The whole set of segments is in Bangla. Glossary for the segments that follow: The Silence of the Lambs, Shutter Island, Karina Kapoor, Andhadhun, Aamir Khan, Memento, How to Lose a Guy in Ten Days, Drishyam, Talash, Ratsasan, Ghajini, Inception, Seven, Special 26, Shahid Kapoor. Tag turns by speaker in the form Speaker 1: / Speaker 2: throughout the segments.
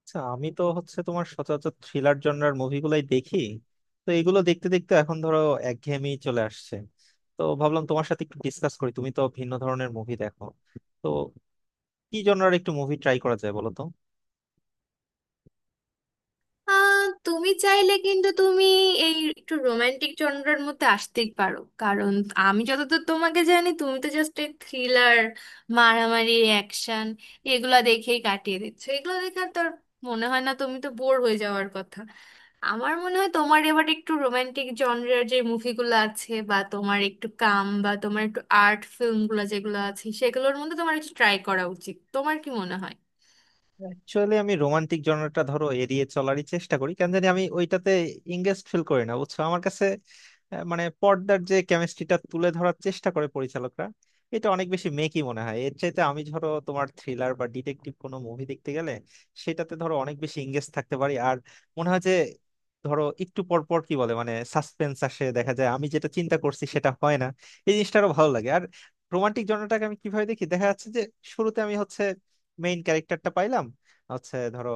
Speaker 1: আচ্ছা, আমি তো হচ্ছে তোমার সচরাচর থ্রিলার জনরার মুভিগুলাই দেখি। তো এগুলো দেখতে দেখতে এখন ধরো একঘেয়েমি চলে আসছে। তো ভাবলাম তোমার সাথে একটু ডিসকাস করি, তুমি তো ভিন্ন ধরনের মুভি দেখো। তো কি জনরার একটু মুভি ট্রাই করা যায় বলো তো?
Speaker 2: আহ, তুমি চাইলে কিন্তু তুমি একটু রোমান্টিক জনরার মধ্যে আসতেই পারো। কারণ আমি যতদূর তোমাকে জানি, তুমি তো জাস্ট এই থ্রিলার, মারামারি, অ্যাকশন এগুলা দেখেই কাটিয়ে দিচ্ছ। এগুলো দেখে আর তোর মনে হয় না তুমি তো বোর হয়ে যাওয়ার কথা? আমার মনে হয় তোমার এবার একটু রোমান্টিক জনরার যে মুভিগুলো আছে, বা তোমার একটু কাম, বা তোমার একটু আর্ট ফিল্মগুলো যেগুলো আছে সেগুলোর মধ্যে তোমার একটু ট্রাই করা উচিত। তোমার কি মনে হয়?
Speaker 1: অ্যাকচুয়ালি আমি রোমান্টিক জনরাটা ধরো এড়িয়ে চলারই চেষ্টা করি, কেন জানি আমি ওইটাতে ইংগেজ ফিল করি না, বুঝছো। আমার কাছে মানে পর্দার যে কেমিস্ট্রিটা তুলে ধরার চেষ্টা করে পরিচালকরা, এটা অনেক বেশি মেকি মনে হয়। এর চাইতে আমি ধরো তোমার থ্রিলার বা ডিটেকটিভ কোনো মুভি দেখতে গেলে সেটাতে ধরো অনেক বেশি এঙ্গেজ থাকতে পারি। আর মনে হয় যে ধরো একটু পর পর কি বলে মানে সাসপেন্স আসে, দেখা যায় আমি যেটা চিন্তা করছি সেটা হয় না, এই জিনিসটা আরো ভালো লাগে। আর রোমান্টিক জনরাটাকে আমি কিভাবে দেখি, দেখা যাচ্ছে যে শুরুতে আমি হচ্ছে মেইন ক্যারেক্টারটা পাইলাম, হচ্ছে ধরো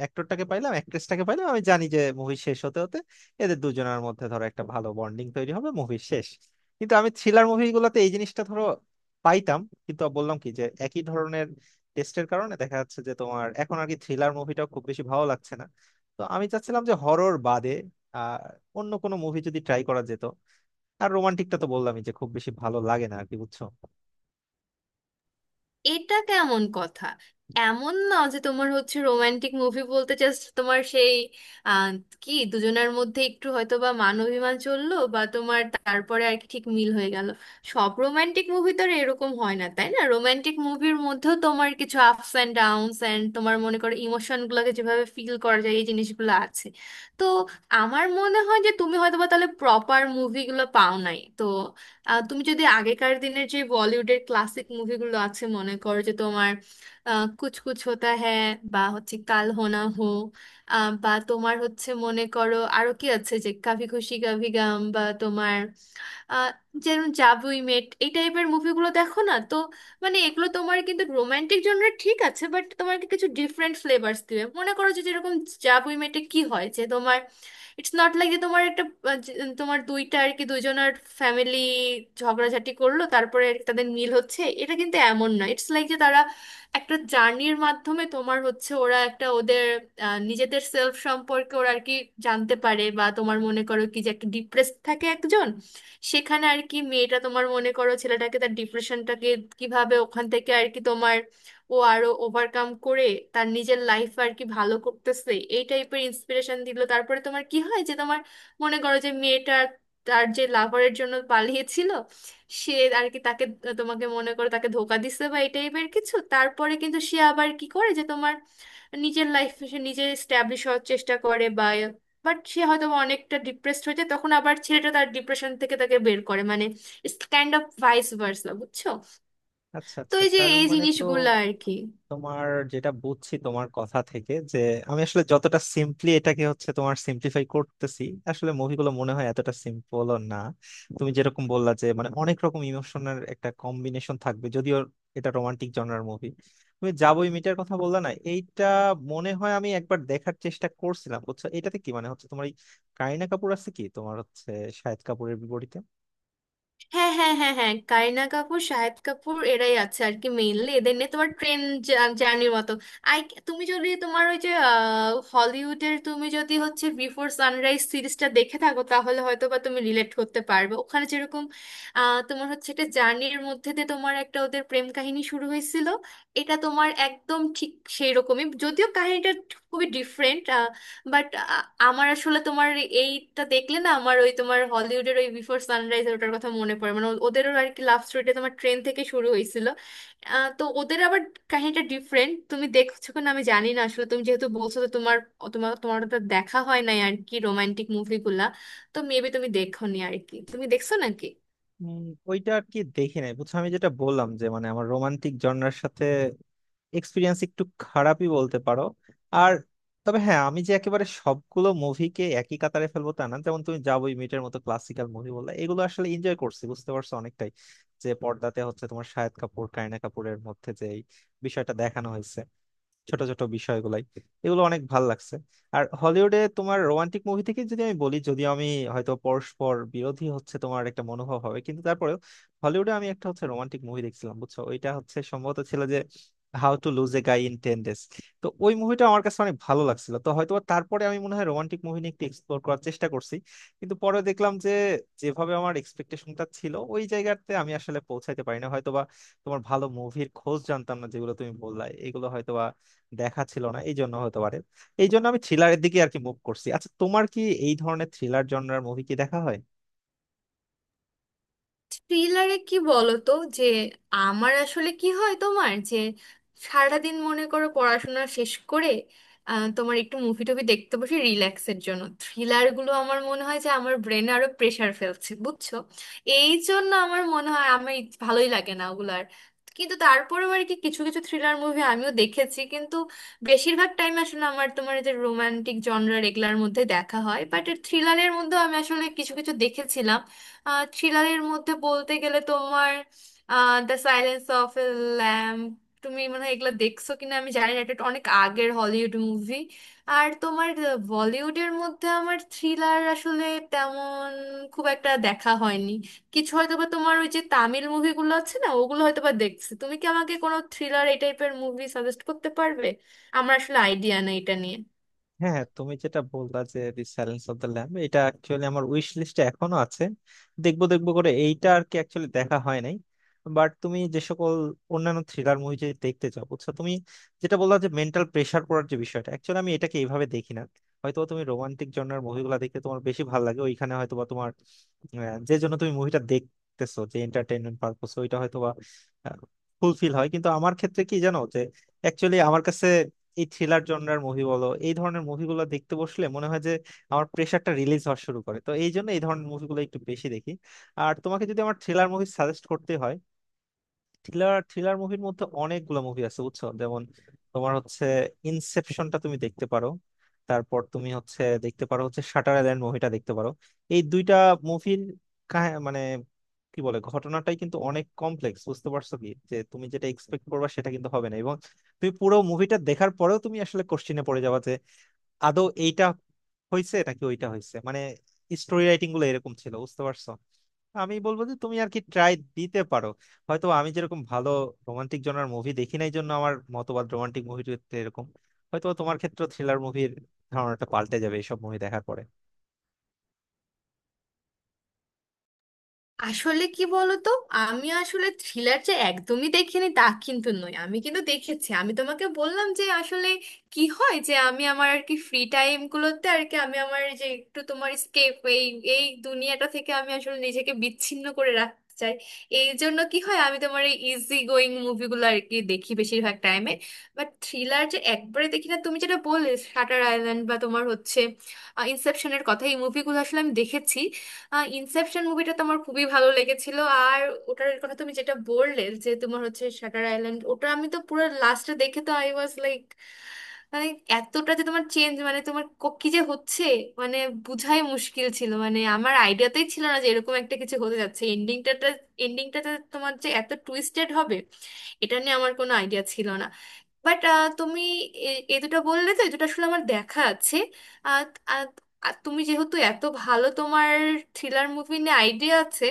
Speaker 1: অ্যাক্টরটাকে পাইলাম, অ্যাক্ট্রেসটাকে পাইলাম, আমি জানি যে মুভি শেষ হতে হতে এদের দুজনের মধ্যে ধরো একটা ভালো বন্ডিং তৈরি হবে, মুভি শেষ। কিন্তু আমি থ্রিলার মুভিগুলোতে এই জিনিসটা ধরো পাইতাম। কিন্তু বললাম কি, যে একই ধরনের টেস্টের কারণে দেখা যাচ্ছে যে তোমার এখন আর কি থ্রিলার মুভিটাও খুব বেশি ভালো লাগছে না। তো আমি চাচ্ছিলাম যে হরর বাদে আর অন্য কোনো মুভি যদি ট্রাই করা যেত। আর রোমান্টিকটা তো বললামই যে খুব বেশি ভালো লাগে না আর কি, বুঝছো।
Speaker 2: এটা কেমন কথা! এমন না যে তোমার হচ্ছে রোমান্টিক মুভি বলতে জাস্ট তোমার সেই আহ, কি দুজনের মধ্যে একটু হয়তো বা মান অভিমান চললো, বা তোমার তারপরে আর কি ঠিক মিল হয়ে গেল। সব রোমান্টিক মুভি তো আর এরকম হয় না, তাই না? রোমান্টিক মুভির মধ্যেও তোমার কিছু আপস অ্যান্ড ডাউনস অ্যান্ড তোমার মনে করো ইমোশনগুলোকে যেভাবে ফিল করা যায়, এই জিনিসগুলো আছে। তো আমার মনে হয় যে তুমি হয়তো বা তাহলে প্রপার মুভিগুলো পাও নাই। তো তুমি যদি আগেকার দিনের যে বলিউডের ক্লাসিক মুভিগুলো আছে মনে করো যে তোমার কুছ কুছ হোতা হ্যায়, বা হচ্ছে কাল হো না হো, বা তোমার হচ্ছে মনে করো আরো কি আছে যে কাভি খুশি কাভি গম, বা তোমার আহ, যেমন জাভ উই মেট, এই টাইপের মুভিগুলো দেখো না তো। মানে এগুলো তোমার কিন্তু রোমান্টিক জনরা ঠিক আছে, বাট তোমাকে কিছু ডিফারেন্ট ফ্লেভার্স দিবে। মনে করো যে যেরকম জাভ উই মেটে কি হয় যে তোমার ইটস নট লাইক যে তোমার একটা তোমার দুইটা আর কি দুজনের ফ্যামিলি ঝগড়াঝাটি করলো, তারপরে তাদের মিল হচ্ছে, এটা কিন্তু এমন না। ইটস লাইক যে তারা একটা জার্নির মাধ্যমে তোমার হচ্ছে ওরা একটা ওদের নিজেদের সেলফ সম্পর্কে ওরা আর কি জানতে পারে। বা তোমার মনে করো কি যে একটা ডিপ্রেসড থাকে একজন, সেখানে আর কি মেয়েটা তোমার মনে করো ছেলেটাকে তার ডিপ্রেশনটাকে কিভাবে ওখান থেকে আর কি তোমার ও আরো ওভারকাম করে, তার নিজের লাইফ আর কি ভালো করতেছে, এই টাইপের ইন্সপিরেশন দিল। তারপরে তোমার কি হয় যে তোমার মনে করো যে মেয়েটা তার যে লাভারের জন্য পালিয়েছিল, সে আর কি তাকে তোমাকে মনে করো তাকে ধোকা দিচ্ছে, বা এই টাইপের কিছু। তারপরে কিন্তু সে আবার কি করে যে তোমার নিজের লাইফ সে নিজে এস্টাবলিশ হওয়ার চেষ্টা করে, বা বাট সে হয়তো বা অনেকটা ডিপ্রেসড হয়ে যায়। তখন আবার ছেলেটা তার ডিপ্রেশন থেকে তাকে বের করে। মানে it's kind of vice versa, বুঝছো?
Speaker 1: আচ্ছা
Speaker 2: তো
Speaker 1: আচ্ছা,
Speaker 2: এই যে
Speaker 1: তার
Speaker 2: এই
Speaker 1: মানে তো
Speaker 2: জিনিসগুলো আর কি।
Speaker 1: তোমার, যেটা বুঝছি তোমার কথা থেকে, যে আমি আসলে যতটা সিম্পলি এটাকে হচ্ছে তোমার সিম্পলিফাই করতেছি, আসলে মুভিগুলো মনে হয় এতটা সিম্পলও না। তুমি যেরকম বললা, যে মানে অনেক রকম ইমোশনের একটা কম্বিনেশন থাকবে যদিও এটা রোমান্টিক জনরার মুভি। তুমি যাবোই মিটার কথা বললা না, এইটা মনে হয় আমি একবার দেখার চেষ্টা করছিলাম, বুঝছো। এটাতে কি মানে হচ্ছে তোমার এই কারিনা কাপুর আছে কি, তোমার হচ্ছে শাহিদ কাপুরের বিপরীতে।
Speaker 2: হ্যাঁ হ্যাঁ হ্যাঁ হ্যাঁ, কারিনা কাপুর, শাহিদ কাপুর এরাই আছে আর কি মেইনলি। এদের নিয়ে তোমার ট্রেন জার্নির মতো। আই, তুমি যদি তোমার ওই যে হলিউডের তুমি যদি হচ্ছে বিফোর সানরাইজ সিরিজটা দেখে থাকো তাহলে হয়তো বা তুমি রিলেট করতে পারবে। ওখানে যেরকম তোমার হচ্ছে একটা জার্নির মধ্যে দিয়ে তোমার একটা ওদের প্রেম কাহিনী শুরু হয়েছিল, এটা তোমার একদম ঠিক সেই রকমই, যদিও কাহিনীটা খুবই ডিফারেন্ট। বাট আমার আসলে তোমার এইটা দেখলে না আমার ওই তোমার হলিউডের ওই বিফোর সানরাইজ ওটার কথা মনে পড়ে। মানে ওদেরও আর কি লাভ স্টোরিটা তোমার ট্রেন থেকে শুরু হয়েছিল। তো ওদের আবার কাহিনীটা ডিফারেন্ট। তুমি দেখছো কিনা আমি জানি না, আসলে তুমি যেহেতু বলছো তো তোমার তোমার তোমার ওটা দেখা হয় নাই আর কি রোমান্টিক মুভিগুলা। তো মেবি তুমি দেখোনি আর কি, তুমি দেখছো নাকি?
Speaker 1: উম, ওইটা আর কি দেখি নাই, বুঝছো। আমি যেটা বললাম যে মানে আমার রোমান্টিক জনরার সাথে এক্সপিরিয়েন্স একটু খারাপই বলতে পারো। আর তবে হ্যাঁ, আমি যে একেবারে সবগুলো মুভিকে একই কাতারে ফেলবো তা না। যেমন তুমি যা বই মিটের মতো ক্লাসিক্যাল মুভি বললে, এগুলো আসলে এনজয় করছি, বুঝতে পারছো অনেকটাই। যে পর্দাতে হচ্ছে তোমার শাহিদ কাপুর কারিনা কাপুরের মধ্যে যে এই বিষয়টা দেখানো হয়েছে, ছোট ছোট বিষয়গুলাই, এগুলো অনেক ভাল লাগছে। আর হলিউডে তোমার রোমান্টিক মুভি থেকে যদি আমি বলি, যদিও আমি হয়তো পরস্পর বিরোধী হচ্ছে তোমার একটা মনোভাব হবে, কিন্তু তারপরেও হলিউডে আমি একটা হচ্ছে রোমান্টিক মুভি দেখছিলাম, বুঝছো। ওইটা হচ্ছে সম্ভবত ছিল যে how to lose a guy in 10 days. তো ওই মুভিটা আমার কাছে অনেক ভালো লাগছিল, তো হয়তো বা তারপরে আমি মনে হয় রোমান্টিক মুভি নিয়ে একটু এক্সপ্লোর করার চেষ্টা করছি। কিন্তু পরে দেখলাম যে যেভাবে আমার এক্সপেকটেশনটা ছিল ওই জায়গাতে আমি আসলে পৌঁছাইতে পারি না হয়তোবা। তোমার ভালো মুভির খোঁজ জানতাম না, যেগুলো তুমি বললা এগুলো হয়তোবা দেখা ছিল না, এই জন্য হতে পারে। এই জন্য আমি থ্রিলারের দিকে আর কি মুভ করছি। আচ্ছা, তোমার কি এই ধরনের থ্রিলার জনরার মুভি কি দেখা হয়?
Speaker 2: থ্রিলারে কি বলতো যে আমার আসলে কি হয় তোমার যে সারাদিন মনে করো পড়াশোনা শেষ করে তোমার একটু মুভি টুভি দেখতে বসে রিল্যাক্সের জন্য, থ্রিলারগুলো আমার মনে হয় যে আমার ব্রেনে আরো প্রেশার ফেলছে, বুঝছো? এই জন্য আমার মনে হয় আমার ভালোই লাগে না ওগুলো। আর কিন্তু তারপরেও আর কি কিছু কিছু থ্রিলার মুভি আমিও দেখেছি। কিন্তু বেশিরভাগ টাইম আসলে আমার তোমার এই যে রোমান্টিক জনরার এগুলার মধ্যে দেখা হয়, বাট থ্রিলারের মধ্যেও আমি আসলে কিছু কিছু দেখেছিলাম। থ্রিলারের মধ্যে বলতে গেলে তোমার the silence of a lamb, তুমি মানে এগুলো দেখছো কিনা আমি জানি না। এটা একটা অনেক আগের হলিউড মুভি। আর তোমার বলিউডের মধ্যে আমার থ্রিলার আসলে তেমন খুব একটা দেখা হয়নি। কিছু হয়তো বা তোমার ওই যে তামিল মুভিগুলো আছে না, ওগুলো হয়তো বা দেখছি। তুমি কি আমাকে কোনো থ্রিলার এই টাইপের মুভি সাজেস্ট করতে পারবে? আমার আসলে আইডিয়া নেই এটা নিয়ে।
Speaker 1: হ্যাঁ হ্যাঁ, তুমি যেটা বললা যে the silence of the lamb, এটা অ্যাকচুয়ালি আমার উইশ লিস্টে এখনো আছে। দেখবো দেখবো করে এইটা আর কি অ্যাকচুয়ালি দেখা হয় নাই। বাট তুমি যে সকল অন্যান্য থ্রিলার মুভি যদি দেখতে চাও, বুঝছো, তুমি যেটা বললা যে মেন্টাল প্রেসার পড়ার যে বিষয়টা, অ্যাকচুয়ালি আমি এটাকে এইভাবে দেখি না। হয়তো তুমি রোমান্টিক জনরার মুভিগুলো দেখতে তোমার বেশি ভালো লাগে, ওইখানে হয়তো বা তোমার আহ, যে জন্য তুমি মুভিটা দেখতেছো, যে এন্টারটেইনমেন্ট পারপোস, ওইটা হয়তো বা ফুলফিল হয়। কিন্তু আমার ক্ষেত্রে কি জানো, যে অ্যাকচুয়ালি আমার কাছে এই থ্রিলার জনরার মুভি বলো, এই ধরনের মুভিগুলো দেখতে বসলে মনে হয় যে আমার প্রেশারটা রিলিজ হওয়া শুরু করে। তো এই জন্য এই ধরনের মুভিগুলো একটু বেশি দেখি। আর তোমাকে যদি আমার থ্রিলার মুভি সাজেস্ট করতে হয়, থ্রিলার থ্রিলার মুভির মধ্যে অনেকগুলো মুভি আছে, বুঝছো। যেমন তোমার হচ্ছে ইনসেপশনটা তুমি দেখতে পারো। তারপর তুমি হচ্ছে দেখতে পারো হচ্ছে শাটার আইল্যান্ড মুভিটা দেখতে পারো। এই দুইটা মুভির মানে কি বলে, ঘটনাটাই কিন্তু অনেক কমপ্লেক্স, বুঝতে পারছো? কি যে তুমি যেটা এক্সপেক্ট করবা সেটা কিন্তু হবে না, এবং তুমি পুরো মুভিটা দেখার পরেও তুমি আসলে কোশ্চিনে পড়ে যাবা আদৌ এইটা হয়েছে নাকি ওইটা হয়েছে। মানে স্টোরি রাইটিং গুলো এরকম ছিল, বুঝতে পারছো? আমি বলবো যে তুমি আর কি ট্রাই দিতে পারো। হয়তো আমি যেরকম ভালো রোমান্টিক জনার মুভি দেখি নাই জন্য আমার মতবাদ রোমান্টিক মুভির ক্ষেত্রে এরকম, হয়তো তোমার ক্ষেত্রে থ্রিলার মুভির ধারণাটা পাল্টে যাবে এইসব মুভি দেখার পরে।
Speaker 2: আসলে কি বলতো, আমি আসলে থ্রিলার যে একদমই দেখিনি তা কিন্তু নয়, আমি কিন্তু দেখেছি। আমি তোমাকে বললাম যে আসলে কি হয় যে আমি আমার আর কি ফ্রি টাইম গুলোতে আর কি আমি আমার যে একটু তোমার স্কেপ এই এই দুনিয়াটা থেকে আমি আসলে নিজেকে বিচ্ছিন্ন করে রাখতে চাই। এই জন্য কি হয়, আমি তোমার এই ইজি গোয়িং মুভিগুলো আর কি দেখি বেশিরভাগ টাইমে। বাট থ্রিলার যে একবারে দেখি না, তুমি যেটা বললে শাটার আইল্যান্ড বা তোমার হচ্ছে ইনসেপশনের কথা, এই মুভিগুলো আসলে আমি দেখেছি। ইনসেপশন মুভিটা তো আমার খুবই ভালো লেগেছিল। আর ওটার কথা তুমি যেটা বললে যে তোমার হচ্ছে শাটার আইল্যান্ড, ওটা আমি তো পুরো লাস্টে দেখে তো আই ওয়াজ লাইক, মানে এতটা যে তোমার চেঞ্জ মানে তোমার কি যে হচ্ছে মানে বুঝাই মুশকিল ছিল। মানে আমার আইডিয়াতেই ছিল না যে এরকম একটা কিছু হতে যাচ্ছে এন্ডিংটাতে। এন্ডিংটাতে তোমার যে এত টুইস্টেড হবে, এটা নিয়ে আমার কোনো আইডিয়া ছিল না। বাট তুমি এ এ দুটো বললে তো এ দুটো আসলে আমার দেখা আছে। আর আর- আর তুমি যেহেতু এত ভালো তোমার থ্রিলার মুভি নিয়ে আইডিয়া আছে,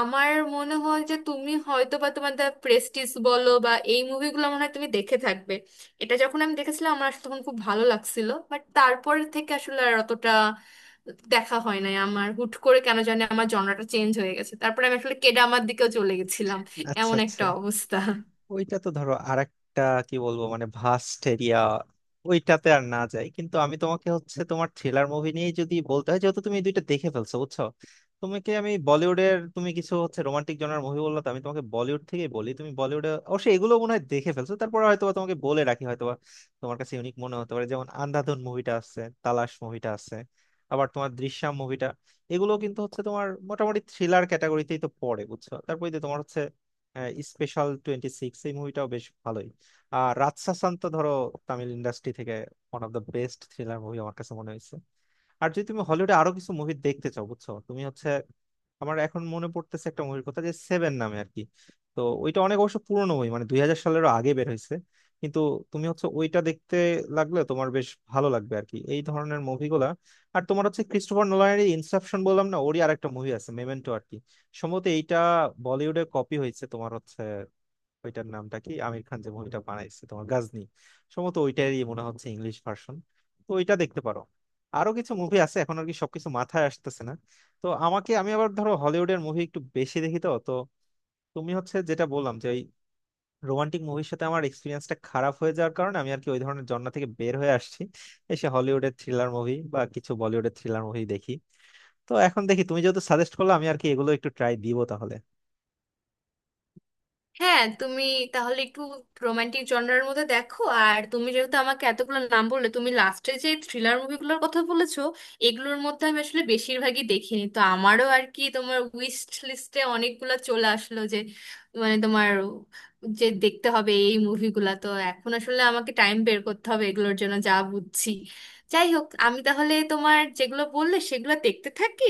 Speaker 2: আমার মনে হয় যে তুমি হয়তো বা তোমার দ্য প্রেস্টিজ বলো বা এই মুভিগুলো মনে হয় তুমি দেখে থাকবে। এটা যখন আমি দেখেছিলাম, আমার আসলে তখন খুব ভালো লাগছিল। বাট তারপর থেকে আসলে আর অতটা দেখা হয় নাই আমার। হুট করে কেন জানি আমার জনরাটা চেঞ্জ হয়ে গেছে, তারপরে আমি আসলে কেডামার দিকেও চলে গেছিলাম।
Speaker 1: আচ্ছা
Speaker 2: এমন
Speaker 1: আচ্ছা,
Speaker 2: একটা অবস্থা।
Speaker 1: ওইটা তো ধরো আরেকটা কি বলবো মানে ভাস্ট এরিয়া, ওইটাতে আর না যাই। কিন্তু আমি তোমাকে হচ্ছে তোমার থ্রিলার মুভি নিয়ে যদি বলতে হয়, যেহেতু তুমি এই দুইটা দেখে ফেলছো, বুঝছো। তোমাকে আমি বলিউডের তুমি কিছু হচ্ছে রোমান্টিক জনার মুভি বললো, তো আমি তোমাকে বলিউড থেকেই বলি। তুমি বলিউডে অবশ্যই এগুলো মনে হয় দেখে ফেলছো, তারপর হয়তো বা তোমাকে বলে রাখি হয়তো বা তোমার কাছে ইউনিক মনে হতে পারে, যেমন আন্ধাধুন মুভিটা আছে, তালাশ মুভিটা আছে, আবার তোমার দৃশ্যম মুভিটা। এগুলো কিন্তু হচ্ছে তোমার মোটামুটি থ্রিলার ক্যাটাগরিতেই তো পড়ে, বুঝছো। তারপরে যে তোমার হচ্ছে স্পেশাল 26, এই মুভিটাও বেশ ভালোই। আর রাতসাসান তো ধরো তামিল ইন্ডাস্ট্রি থেকে one of the best thriller movie আমার কাছে মনে হয়েছে। আর যদি তুমি হলিউডে আরো কিছু মুভি দেখতে চাও, বুঝছো, তুমি হচ্ছে আমার এখন মনে পড়তেছে একটা মুভির কথা যে সেভেন নামে আর কি। তো ওইটা অনেক অবশ্য পুরনো মুভি, মানে 2000 সালেরও আগে বের হয়েছে। কিন্তু তুমি হচ্ছে ওইটা দেখতে লাগলে তোমার বেশ ভালো লাগবে আর কি, এই ধরনের মুভিগুলা। আর তোমার হচ্ছে ক্রিস্টোফার নোলানের ইনসেপশন বললাম না, ওরই আরেকটা মুভি আছে মেমেন্টো আর কি। সম্ভবত এইটা বলিউডে কপি হয়েছে, তোমার হচ্ছে ওইটার নামটা কি, আমির খান যে মুভিটা বানাইছে তোমার গাজনি, সম্ভবত ওইটারই মনে হচ্ছে ইংলিশ ভার্সন। তো ওইটা দেখতে পারো। আরো কিছু মুভি আছে এখন আর কি সবকিছু মাথায় আসতেছে না। তো আমাকে আমি আবার ধরো হলিউডের মুভি একটু বেশি দেখি, তো তো তুমি হচ্ছে যেটা বললাম যে ওই রোমান্টিক মুভির সাথে আমার এক্সপিরিয়েন্সটা খারাপ হয়ে যাওয়ার কারণে আমি আর কি ওই ধরনের জন্ম থেকে বের হয়ে আসছি, এসে হলিউডের থ্রিলার মুভি বা কিছু বলিউডের থ্রিলার মুভি দেখি। তো এখন দেখি, তুমি যেহেতু সাজেস্ট করলে, আমি আর কি এগুলো একটু ট্রাই দিব তাহলে।
Speaker 2: হ্যাঁ, তুমি তাহলে একটু রোমান্টিক জনরার মধ্যে দেখো। আর তুমি যেহেতু আমাকে এতগুলো নাম বললে, তুমি লাস্টে যে থ্রিলার মুভিগুলোর কথা বলেছো এগুলোর মধ্যে আমি আসলে বেশিরভাগই দেখিনি। তো আমারও আর কি তোমার উইশ লিস্টে অনেকগুলো চলে আসলো যে মানে তোমার যে দেখতে হবে এই মুভিগুলা। তো এখন আসলে আমাকে টাইম বের করতে হবে এগুলোর জন্য, যা বুঝছি। যাই হোক, আমি তাহলে তোমার যেগুলো বললে সেগুলো দেখতে থাকি।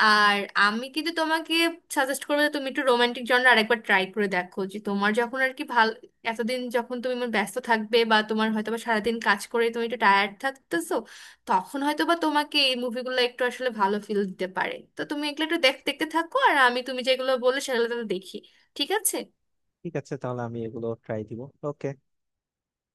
Speaker 2: আর আমি কিন্তু তোমাকে সাজেস্ট করবো যে তুমি একটু রোমান্টিক জনরা আরেকবার ট্রাই করে দেখো। যে তোমার যখন আর কি ভাল, এতদিন যখন তুমি মানে ব্যস্ত থাকবে বা তোমার হয়তো বা সারাদিন কাজ করে তুমি একটু টায়ার্ড থাকতেছো, তখন হয়তো বা তোমাকে এই মুভিগুলো একটু আসলে ভালো ফিল দিতে পারে। তো তুমি এগুলো একটু দেখ, দেখতে থাকো। আর আমি তুমি যেগুলো বললে সেগুলো তো দেখি। ঠিক আছে?
Speaker 1: ঠিক আছে, তাহলে আমি এগুলো ট্রাই দিব। ওকে।